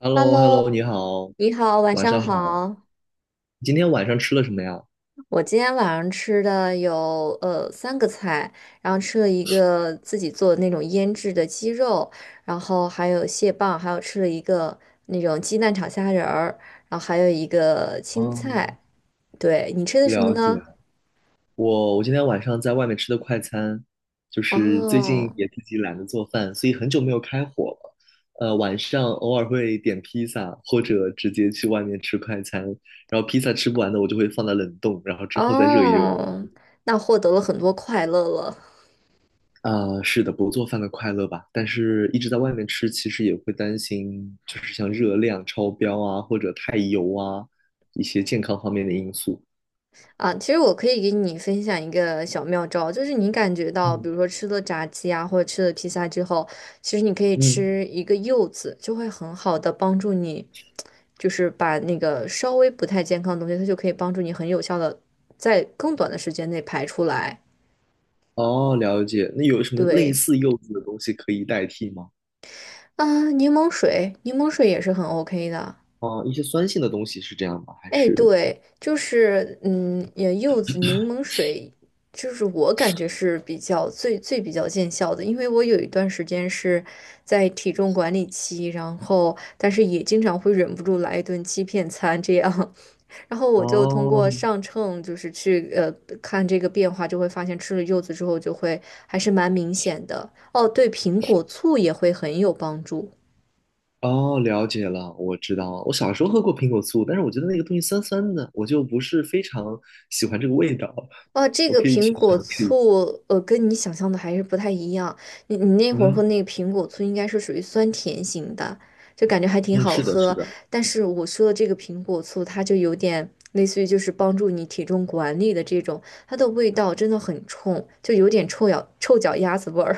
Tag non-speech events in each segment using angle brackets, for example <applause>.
h e l l o h e l l o Hello，你好，你好，晚晚上上好。好。你今天晚上吃了什么呀？我今天晚上吃的有三个菜，然后吃了一个自己做的那种腌制的鸡肉，然后还有蟹棒，还有吃了一个那种鸡蛋炒虾仁儿，然后还有一个青嗯。菜。对，你吃的什么了呢？解。我今天晚上在外面吃的快餐，就是最近哦也自己懒得做饭，所以很久没有开火了。晚上偶尔会点披萨，或者直接去外面吃快餐。然后披萨吃不完的，我就会放在冷冻，然后之后再热一热。哦，那获得了很多快乐了。啊，是的，不做饭的快乐吧。但是一直在外面吃，其实也会担心，就是像热量超标啊，或者太油啊，一些健康方面的因素。啊，其实我可以给你分享一个小妙招，就是你感觉到，比嗯。如说吃了炸鸡啊，或者吃了披萨之后，其实你可以嗯。吃一个柚子，就会很好的帮助你，就是把那个稍微不太健康的东西，它就可以帮助你很有效的在更短的时间内排出来。哦，了解。那有什么类对，似柚子的东西可以代替吗？啊，柠檬水，柠檬水也是很 OK 的。哦，一些酸性的东西是这样吗？还哎，是？对，就是嗯，也柚子柠檬水，就是我感觉是比较最比较见效的，因为我有一段时间是在体重管理期，然后但是也经常会忍不住来一顿欺骗餐这样，<laughs> 然后我就通哦。过上秤，就是去看这个变化，就会发现吃了柚子之后就会还是蛮明显的。哦，对，苹果醋也会很有帮助。哦，了解了，我知道了我小时候喝过苹果醋，但是我觉得那个东西酸酸的，我就不是非常喜欢这个味道。哦，这我个可以苹去果尝试一下。醋，呃，跟你想象的还是不太一样。你那会儿喝嗯那个苹果醋，应该是属于酸甜型的，就感觉还挺嗯，好是的，是喝。的。但是我说的这个苹果醋，它就有点类似于就是帮助你体重管理的这种，它的味道真的很冲，就有点臭脚丫子味儿。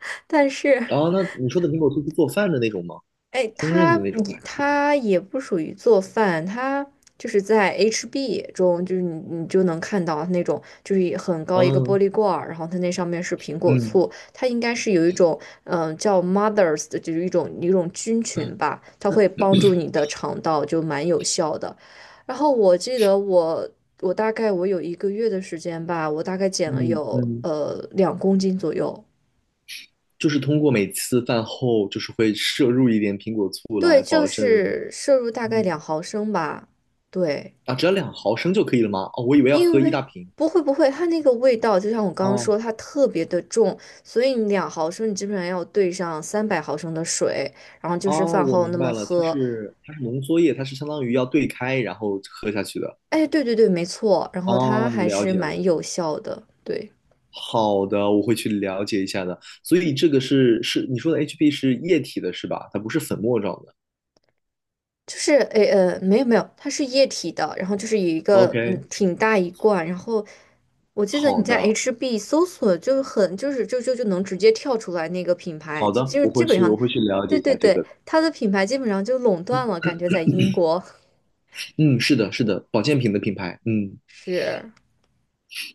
<laughs> 但是哦，那你说的苹果醋是做饭的那种吗？哎，烹饪它的那种你还是？他也不属于做饭，它就是在 HB 中，就是你就能看到那种就是一很高一个玻嗯璃罐儿，然后它那上面是苹果嗯醋，它应该是有一种叫 Mothers 的，就是一种菌群吧，它会帮助你的肠道，就蛮有效的。然后我记得我我大概我有一个月的时间吧，我大概减了嗯有嗯，两公斤左右，就是通过每次饭后就是会摄入一点苹果醋对，来就保证，是摄入大概两嗯。毫升吧，对。啊，只要2毫升就可以了吗？哦，我以为要喝因一为大瓶。不会，它那个味道就像我刚刚说，哦。它特别的重，所以你两毫升你基本上要兑上三百毫升的水，然后就是哦，饭我后明那么白了，它喝。是它是浓缩液，它是相当于要兑开然后喝下去的。哎，对，没错，然后它哦，还了是解了。蛮有效的，对。好的，我会去了解一下的。所以这个是你说的 HB 是液体的是吧？它不是粉末状的。就是，没有，它是液体的，然后就是有一个嗯 OK，挺大一罐，然后我记得你好在 的。HB 搜索就是很就是就就就能直接跳出来那个品牌，好就的，就是我基会本去，上，我会去了对解一对下这对，个的。它的品牌基本上就垄断了，感觉在英国嗯，是的，是的，保健品的品牌。嗯，是，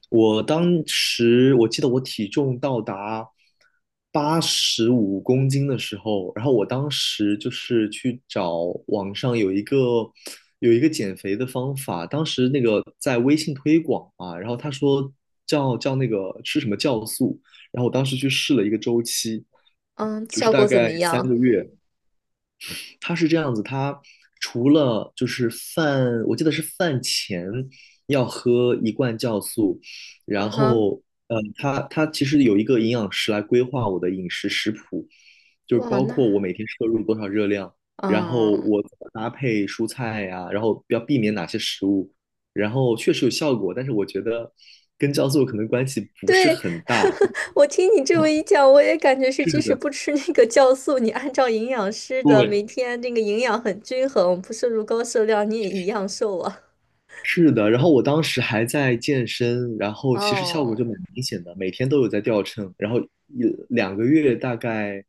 我当时我记得我体重到达85公斤的时候，然后我当时就是去找网上有一个减肥的方法，当时那个在微信推广嘛，然后他说叫那个吃什么酵素，然后我当时去试了一个周期，嗯，就是效大果怎概么三样？个月。他是这样子，他除了就是饭，我记得是饭前要喝一罐酵素，然嗯哼，后，他其实有一个营养师来规划我的饮食食谱，就是哇，包括我那每天摄入多少热量，然后嗯。我怎么搭配蔬菜呀、然后要避免哪些食物，然后确实有效果，但是我觉得跟酵素可能关系不是对，很大。<laughs> 我听你这么一讲，我也感觉是，即是使的，不吃那个酵素，你按照营养师的每对，天那个营养很均衡，不摄入高热量，你也一样瘦啊。是的，然后我当时还在健身，然后其实效果哦，就蛮明显的，每天都有在掉秤，然后一两个月大概，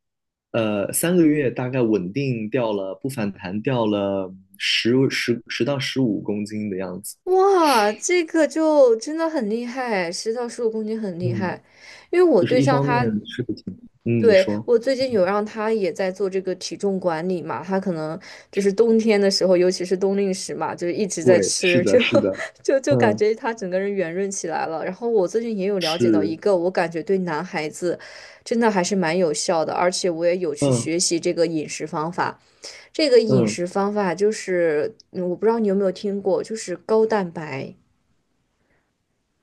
三个月大概稳定掉了，不反弹掉了十到十五公斤的样子。哇，这个就真的很厉害，十到十五公斤很厉嗯，害。因为我就是对一象方他面是不挺，嗯，你对，说，我最近有让他也在做这个体重管理嘛，他可能就是冬天的时候，尤其是冬令时嘛，就是一直在对，是吃，就 的，是的，<laughs> 就感嗯，觉他整个人圆润起来了。然后我最近也有了解到一是，个，我感觉对男孩子真的还是蛮有效的，而且我也有去嗯学习这个饮食方法。这个饮嗯，食方法就是，嗯我不知道你有没有听过，就是高蛋白。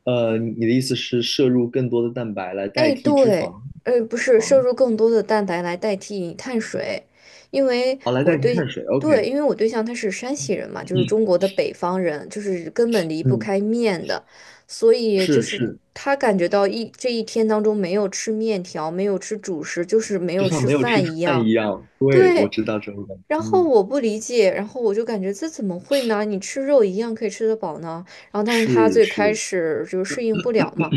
你的意思是摄入更多的蛋白来代哎，替脂肪，对，呃，不脂是摄肪，入更多的蛋白来代替碳水，因为好，来代替碳水对，，OK，因为我对象他是山西人嘛，就是中国的北方人，就是根本离不嗯。开面的，所以就是是是，他感觉到这一天当中没有吃面条，没有吃主食，就是没就有像吃没有吃饭一饭样。一样。对，我对，知道这种感觉。然后嗯，我不理解，然后我就感觉这怎么会呢？你吃肉一样可以吃得饱呢？然后但是他是最开是，始就适应不了嘛。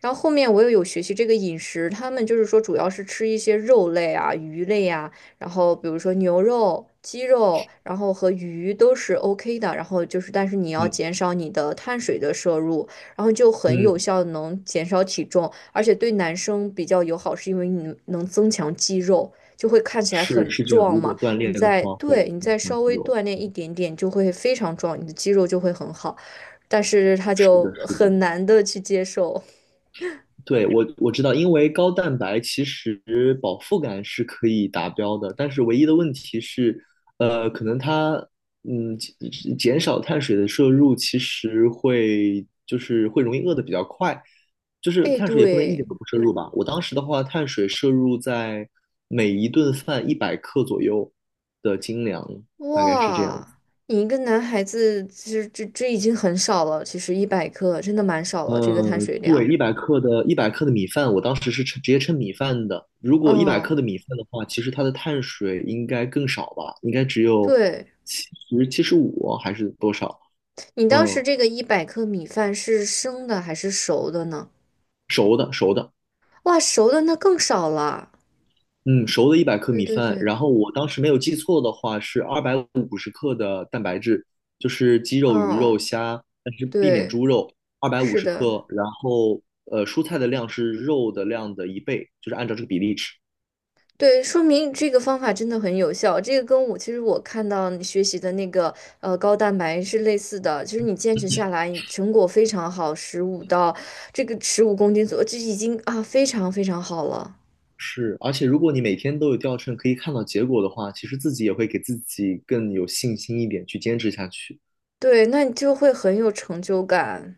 然后后面我又有学习这个饮食，他们就是说主要是吃一些肉类啊、鱼类啊，然后比如说牛肉、鸡肉，然后和鱼都是 OK 的。然后就是，但是你要嗯减少你的碳水的摄入，然后就很有嗯，效地能减少体重，而且对男生比较友好，是因为你能增强肌肉，就会看起来是很是这样。壮如嘛。果锻你炼的在话，会对你增再强稍肌微肉。锻炼一点点，就会非常壮，你的肌肉就会很好。但是他是就的，是的。很难的去接受。对，我知道，因为高蛋白其实饱腹感是可以达标的，但是唯一的问题是，可能它减少碳水的摄入，其实会就是会容易饿得比较快，就是哎，碳水也不能一点对，都不摄入吧。我当时的话，碳水摄入在每一顿饭一百克左右的精粮，大概是这样子。哇，你一个男孩子，这已经很少了，其实一百克真的蛮少了，这个碳嗯，水对，量。一百克的米饭，我当时是称直接称米饭的。如果一百克嗯，的米饭的话，其实它的碳水应该更少吧，应该只有对，七十75还是多少？你当时嗯，这个一百克米饭是生的还是熟的呢？熟的熟的，哇，熟的那更少了。嗯，熟的一百克对米对饭。对，然后我当时没有记错的话，是二百五十克的蛋白质，就是鸡肉、鱼肉、嗯，虾，但是避免对，猪肉，二百五是十的。克。然后蔬菜的量是肉的量的一倍，就是按照这个比例吃。对，说明这个方法真的很有效。这个跟我其实我看到你学习的那个呃高蛋白是类似的，就是你坚持下来，成果非常好，十五到这个十五公斤左右，这已经啊非常非常好了。是，而且如果你每天都有掉秤，可以看到结果的话，其实自己也会给自己更有信心一点，去坚持下去。对，那你就会很有成就感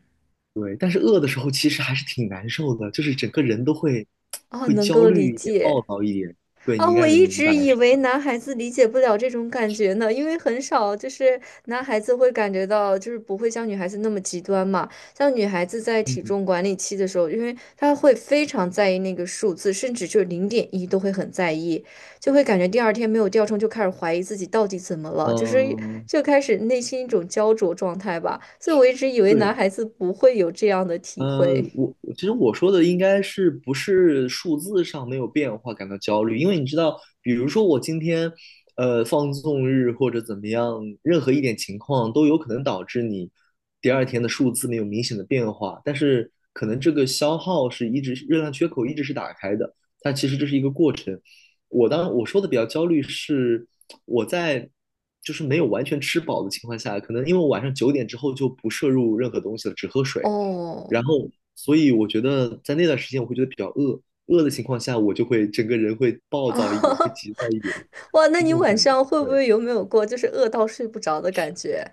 对，但是饿的时候其实还是挺难受的，就是整个人都会啊，会能焦够理虑一点、暴解。躁一点。对，啊，你应我该能一明白。直以为男孩子理解不了这种感觉呢，因为很少就是男孩子会感觉到，就是不会像女孩子那么极端嘛。像女孩子在体嗯重管理期的时候，因为她会非常在意那个数字，甚至就零点一都会很在意，就会感觉第二天没有掉秤，就开始怀疑自己到底怎么了，就是嗯，就开始内心一种焦灼状态吧。所以我一直以为对。男孩子不会有这样的体呃，会。我其实我说的应该是不是数字上没有变化感到焦虑，因为你知道，比如说我今天，放纵日或者怎么样，任何一点情况都有可能导致你第二天的数字没有明显的变化，但是可能这个消耗是一直热量缺口一直是打开的，但其实这是一个过程。我当我说的比较焦虑是我在就是没有完全吃饱的情况下，可能因为我晚上9点之后就不摄入任何东西了，只喝水。然哦，后，所以我觉得在那段时间，我会觉得比较饿，饿的情况下，我就会整个人会暴 <laughs> 躁一点，会啊。急躁一点，哇，那是这你种晚感觉。上会不对，会有没有过就是饿到睡不着的感觉？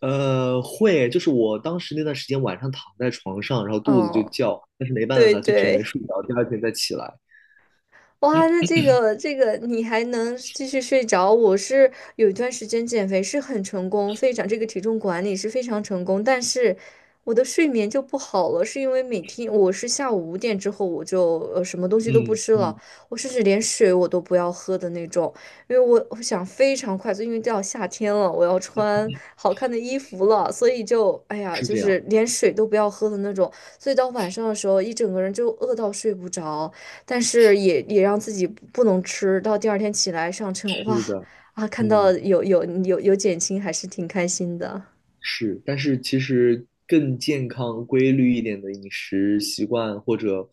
会，就是我当时那段时间晚上躺在床上，然后肚子就哦，叫，但是没办对法，就只能对。睡着，第二天再起来。哇，那这个你还能继续睡着？我是有一段时间减肥是很成功，非常这个体重管理是非常成功，但是我的睡眠就不好了，是因为每天我是下午五点之后我就什么东西都不嗯吃了，嗯，我甚至连水我都不要喝的那种，因为我想非常快速，因为到夏天了，我要穿好看的衣服了，所以就哎呀，是就这样，是连水都不要喝的那种，所以到晚上的时候一整个人就饿到睡不着。但是也让自己不能吃，到第二天起来上称，哇是的，啊，看到嗯有减轻，还是挺开心的。是，但是其实更健康、规律一点的饮食习惯或者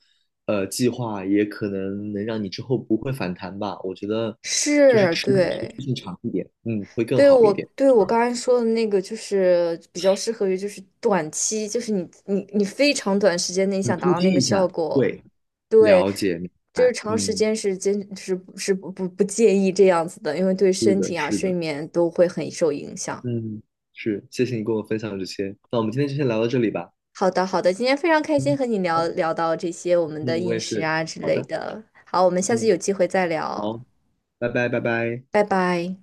计划，也可能能让你之后不会反弹吧。我觉得是，时对，间长一点，嗯，会更对好一我点，对我刚才说的那个，就是比较适合于就是短期，就是你非常短时间内嗯，想达突到那击个一效下，果，对，对，了解，明就是白，长时嗯，间是坚是是不建议这样子的，因为对是身的，体啊、是睡的，眠都会很受影响。嗯，是，谢谢你跟我分享这些，那我们今天就先聊到这里吧，好的，好的，今天非常开心嗯，和你好的聊到这些我们的嗯，我饮也食是，啊之好类的，的。好，我们下次嗯，有机会再聊，好，拜拜，拜拜。拜拜。